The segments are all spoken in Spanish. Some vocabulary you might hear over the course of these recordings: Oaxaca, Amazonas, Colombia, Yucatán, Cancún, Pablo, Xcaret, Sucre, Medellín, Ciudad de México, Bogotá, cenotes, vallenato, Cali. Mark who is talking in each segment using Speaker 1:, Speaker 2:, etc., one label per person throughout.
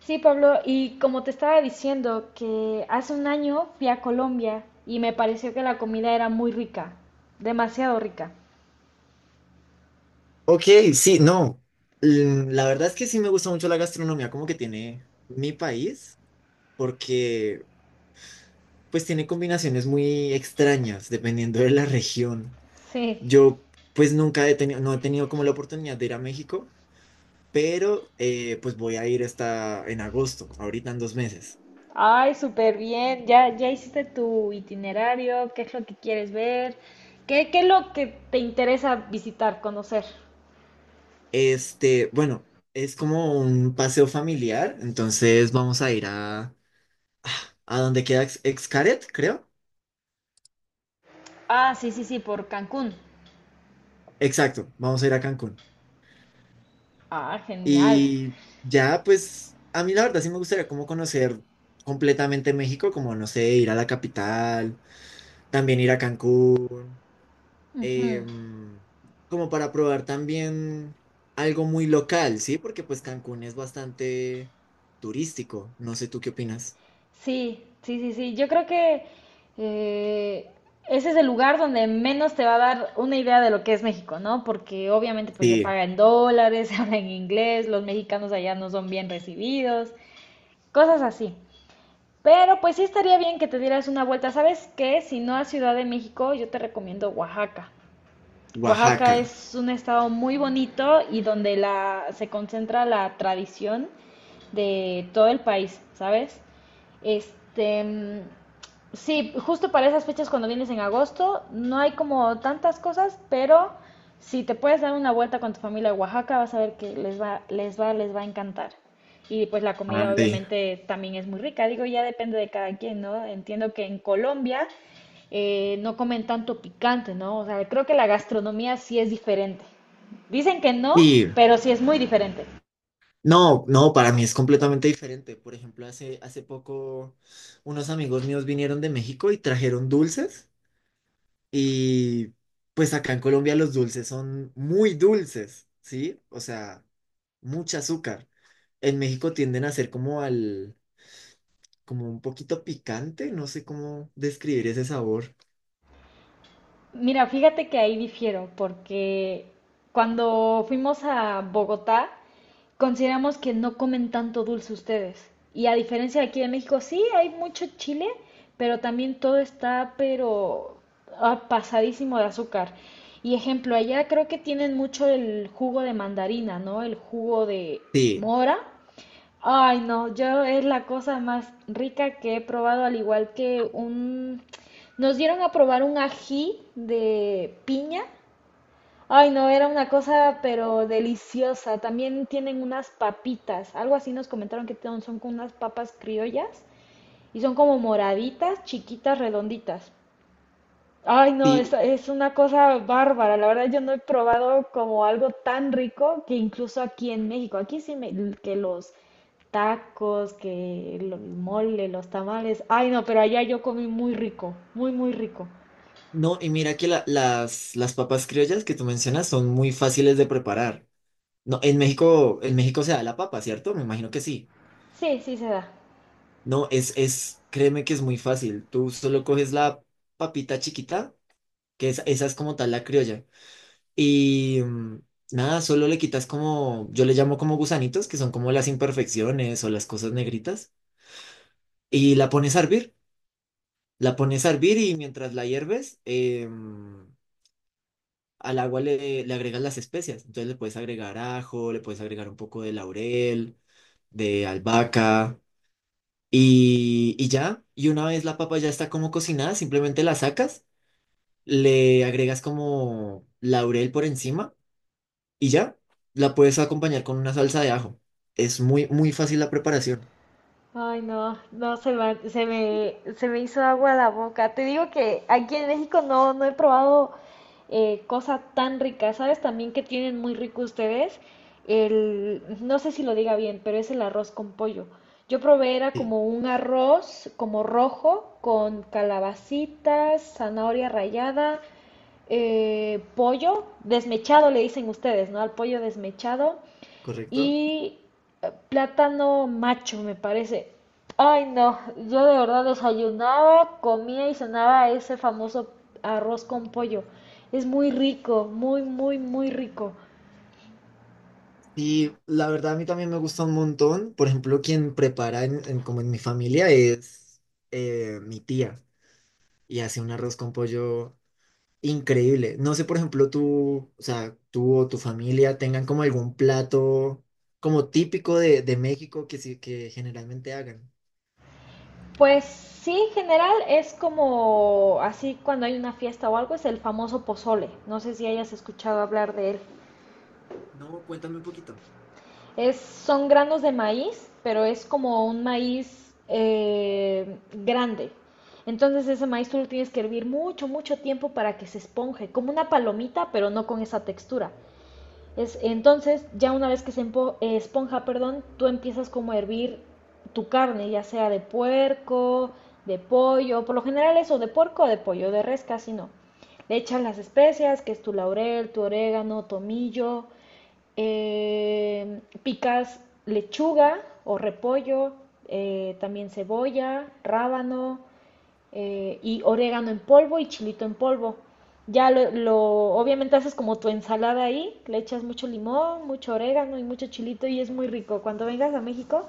Speaker 1: Sí, Pablo, y como te estaba diciendo, que hace un año fui a Colombia y me pareció que la comida era muy rica, demasiado rica.
Speaker 2: Ok, sí, no. La verdad es que sí me gusta mucho la gastronomía como que tiene mi país, porque pues tiene combinaciones muy extrañas dependiendo de la región.
Speaker 1: Sí.
Speaker 2: Yo pues nunca he tenido, no he tenido como la oportunidad de ir a México, pero pues voy a ir esta en agosto, ahorita en dos meses.
Speaker 1: Ay, súper bien. Ya, ya hiciste tu itinerario, ¿qué es lo que quieres ver? ¿¿Qué es lo que te interesa visitar, conocer?
Speaker 2: Bueno, es como un paseo familiar, entonces vamos a ir a donde queda Xcaret, creo.
Speaker 1: Ah, sí, sí, sí, por Cancún.
Speaker 2: Exacto, vamos a ir a Cancún.
Speaker 1: Ah, genial.
Speaker 2: Y ya, pues, a mí la verdad sí me gustaría como conocer completamente México, como, no sé, ir a la capital, también ir a Cancún,
Speaker 1: Ujú.
Speaker 2: em, como para probar también algo muy local, ¿sí? Porque pues Cancún es bastante turístico, no sé tú qué opinas.
Speaker 1: Sí, sí, sí, sí. Yo creo que eh, ese es el lugar donde menos te va a dar una idea de lo que es México, ¿no? Porque obviamente pues se
Speaker 2: Sí,
Speaker 1: paga en dólares, se habla en inglés, los mexicanos allá no son bien recibidos, cosas así. Pero pues sí estaría bien que te dieras una vuelta. ¿Sabes qué? Si no a Ciudad de México, yo te recomiendo Oaxaca. Oaxaca
Speaker 2: Oaxaca.
Speaker 1: es un estado muy bonito y donde se concentra la tradición de todo el país, ¿sabes? Este, mm, sí, justo para esas fechas cuando vienes en agosto, no hay como tantas cosas, pero si te puedes dar una vuelta con tu familia a Oaxaca, vas a ver que les va a encantar. Y pues la comida
Speaker 2: Ay.
Speaker 1: obviamente también es muy rica, digo, ya depende de cada quien, ¿no? Entiendo que en Colombia no comen tanto picante, ¿no? O sea, creo que la gastronomía sí es diferente. Dicen que no,
Speaker 2: Y
Speaker 1: pero sí es muy diferente.
Speaker 2: no, no, para mí es completamente diferente. Por ejemplo, hace poco unos amigos míos vinieron de México y trajeron dulces. Y pues acá en Colombia los dulces son muy dulces, ¿sí? O sea, mucho azúcar. En México tienden a ser como al, como un poquito picante, no sé cómo describir ese sabor.
Speaker 1: Mira, fíjate que ahí difiero, porque cuando fuimos a Bogotá, consideramos que no comen tanto dulce ustedes. Y a diferencia de aquí de México, sí, hay mucho chile, pero también todo está, pero ah, pasadísimo de azúcar. Y ejemplo, allá creo que tienen mucho el jugo de mandarina, ¿no? El jugo de
Speaker 2: Sí,
Speaker 1: mora. Ay, no, yo es la cosa más rica que he probado, al igual que un... Nos dieron a probar un ají de piña. Ay, no, era una cosa pero deliciosa. También tienen unas papitas, algo así nos comentaron que son con unas papas criollas y son como moraditas, chiquitas, redonditas. Ay, no,
Speaker 2: sí.
Speaker 1: es una cosa bárbara. La verdad, yo no he probado como algo tan rico que incluso aquí en México, aquí sí me, que los tacos, que el mole, los tamales. Ay, no, pero allá yo comí muy rico, muy, muy rico.
Speaker 2: No, y mira que las papas criollas que tú mencionas son muy fáciles de preparar. No, en México se da la papa, ¿cierto? Me imagino que sí.
Speaker 1: Sí, sí se da.
Speaker 2: No, es, créeme que es muy fácil. Tú solo coges la papita chiquita, que esa es como tal la criolla. Y nada, solo le quitas como, yo le llamo como gusanitos, que son como las imperfecciones o las cosas negritas, y la pones a hervir. La pones a hervir y mientras la hierves, al agua le agregas las especias. Entonces le puedes agregar ajo, le puedes agregar un poco de laurel, de albahaca, y ya. Y una vez la papa ya está como cocinada, simplemente la sacas, le agregas como laurel por encima y ya la puedes acompañar con una salsa de ajo. Es muy, muy fácil la preparación.
Speaker 1: Ay, no, no, se me hizo agua la boca. Te digo que aquí en México no, no he probado cosa tan rica. ¿Sabes también que tienen muy rico ustedes? El, no sé si lo diga bien, pero es el arroz con pollo. Yo probé, era
Speaker 2: Sí,
Speaker 1: como un arroz, como rojo, con calabacitas, zanahoria rallada, pollo desmechado, le dicen ustedes, ¿no? Al pollo desmechado
Speaker 2: correcto.
Speaker 1: y plátano macho, me parece. Ay, no, yo de verdad desayunaba, comía y cenaba ese famoso arroz con pollo. Es muy rico, muy, muy, muy rico.
Speaker 2: Y la verdad a mí también me gusta un montón. Por ejemplo, quien prepara como en mi familia es mi tía y hace un arroz con pollo increíble. No sé, por ejemplo, tú, o sea, tú o tu familia tengan como algún plato como típico de México que sí, que generalmente hagan.
Speaker 1: Pues sí, en general es como así cuando hay una fiesta o algo, es el famoso pozole. No sé si hayas escuchado hablar de él.
Speaker 2: No, cuéntame un poquito.
Speaker 1: Son granos de maíz, pero es como un maíz grande. Entonces ese maíz tú lo tienes que hervir mucho, mucho tiempo para que se esponje, como una palomita, pero no con esa textura. Entonces, ya una vez que esponja, perdón, tú empiezas como a hervir tu carne, ya sea de puerco, de pollo, por lo general eso, de puerco o de pollo, de res casi no. Le echas las especias, que es tu laurel, tu orégano, tomillo, picas lechuga o repollo, también cebolla, rábano, y orégano en polvo y chilito en polvo. Ya lo, lo, obviamente haces como tu ensalada ahí, le echas mucho limón, mucho orégano y mucho chilito y es muy rico. Cuando vengas a México,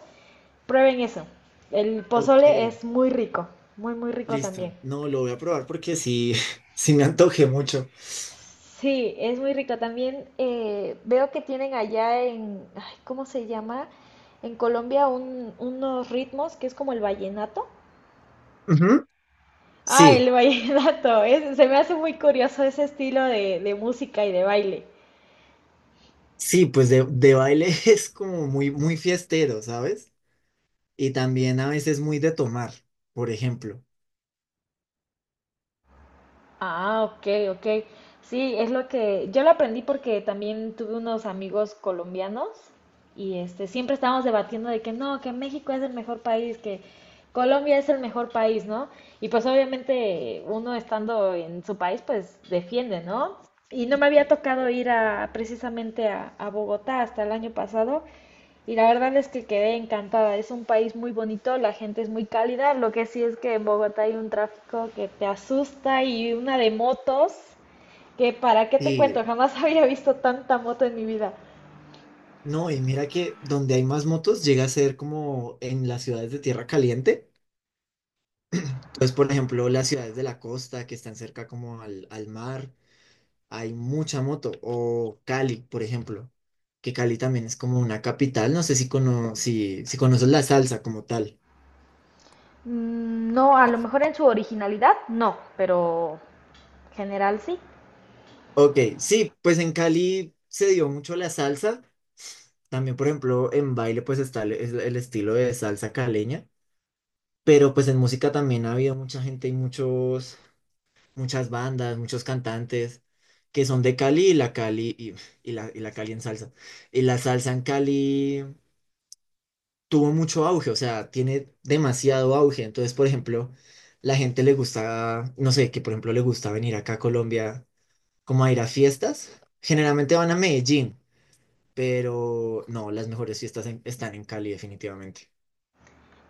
Speaker 1: prueben eso. El pozole
Speaker 2: Ok.
Speaker 1: es muy rico, muy, muy rico también.
Speaker 2: Listo. No, lo voy a probar porque sí, sí me antojé mucho.
Speaker 1: Sí, es muy rico. También veo que tienen allá en, ay, ¿cómo se llama? En Colombia unos ritmos que es como el vallenato.
Speaker 2: Ujú.
Speaker 1: Ah,
Speaker 2: Sí,
Speaker 1: el vallenato. Se me hace muy curioso ese estilo de música y de baile.
Speaker 2: sí, pues de baile es como muy, muy fiestero, ¿sabes? Y también a veces muy de tomar, por ejemplo.
Speaker 1: Ah, ok, ok. Sí, es lo que yo lo aprendí porque también tuve unos amigos colombianos y este siempre estábamos debatiendo de que no, que México es el mejor país, que Colombia es el mejor país, ¿no? Y pues obviamente uno estando en su país pues defiende, ¿no? Y no me había tocado ir a precisamente a Bogotá hasta el año pasado. Y la verdad es que quedé encantada. Es un país muy bonito, la gente es muy cálida. Lo que sí es que en Bogotá hay un tráfico que te asusta y una de motos que para qué te
Speaker 2: Y
Speaker 1: cuento, jamás había visto tanta moto en mi vida.
Speaker 2: no, y mira que donde hay más motos llega a ser como en las ciudades de tierra caliente. Entonces, por ejemplo, las ciudades de la costa que están cerca como al mar. Hay mucha moto. O Cali, por ejemplo, que Cali también es como una capital. No sé si, cono si, si conoces la salsa como tal.
Speaker 1: Mm, no, a lo mejor en su originalidad, no, pero general sí.
Speaker 2: Ok, sí, pues en Cali se dio mucho la salsa. También, por ejemplo, en baile pues está es el estilo de salsa caleña. Pero pues en música también ha habido mucha gente y muchas bandas, muchos cantantes que son de Cali y la Cali y la Cali en salsa. Y la salsa en Cali. Tuvo mucho auge, o sea, tiene demasiado auge. Entonces, por ejemplo, la gente le gusta, no sé, que por ejemplo le gusta venir acá a Colombia como a ir a fiestas. Generalmente van a Medellín, pero no, las mejores fiestas están en Cali definitivamente.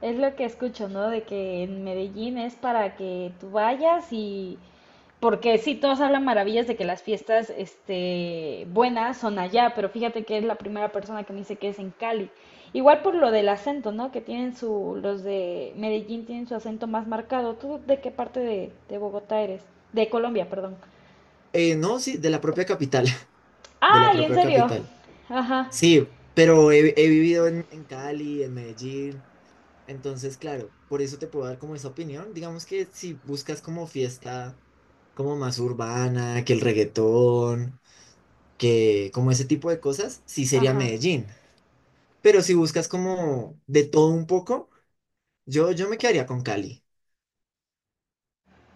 Speaker 1: Es lo que escucho, ¿no? De que en Medellín es para que tú vayas y... Porque sí, todos hablan maravillas de que las fiestas, este, buenas son allá, pero fíjate que es la primera persona que me dice que es en Cali. Igual por lo del acento, ¿no? Que tienen su, los de Medellín tienen su acento más marcado. ¿Tú de qué parte de Bogotá eres? De Colombia, perdón.
Speaker 2: No, sí, de la propia capital, de la
Speaker 1: ¡Ay, en
Speaker 2: propia
Speaker 1: serio!
Speaker 2: capital.
Speaker 1: Ajá,
Speaker 2: Sí, pero he vivido en Cali, en Medellín. Entonces, claro, por eso te puedo dar como esa opinión. Digamos que si buscas como fiesta como más urbana, que el reggaetón, que como ese tipo de cosas, sí sería
Speaker 1: ajá.
Speaker 2: Medellín. Pero si buscas como de todo un poco, yo me quedaría con Cali.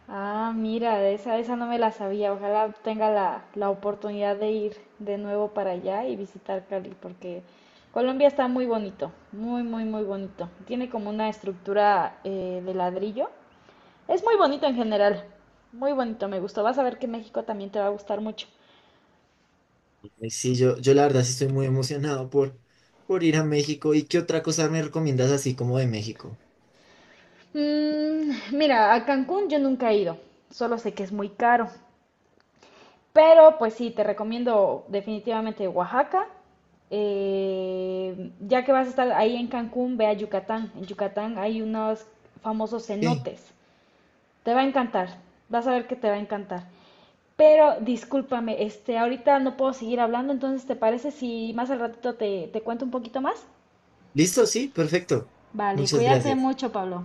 Speaker 1: Ah, mira, esa no me la sabía. Ojalá tenga la, la oportunidad de ir de nuevo para allá y visitar Cali, porque Colombia está muy bonito, muy, muy, muy bonito. Tiene como una estructura de ladrillo. Es muy bonito en general, muy bonito, me gustó. Vas a ver que México también te va a gustar mucho.
Speaker 2: Y sí, yo la verdad sí estoy muy emocionado por ir a México. ¿Y qué otra cosa me recomiendas así como de México?
Speaker 1: Mm, mira, a Cancún yo nunca he ido, solo sé que es muy caro. Pero pues sí, te recomiendo definitivamente Oaxaca. Ya que vas a estar ahí en Cancún, ve a Yucatán. En Yucatán hay unos famosos
Speaker 2: Ok.
Speaker 1: cenotes. Te va a encantar. Vas a ver que te va a encantar. Pero discúlpame, este, ahorita no puedo seguir hablando, entonces ¿te parece si más al ratito te, te cuento un poquito más?
Speaker 2: Listo, sí, perfecto.
Speaker 1: Vale,
Speaker 2: Muchas
Speaker 1: cuídate
Speaker 2: gracias.
Speaker 1: mucho, Pablo.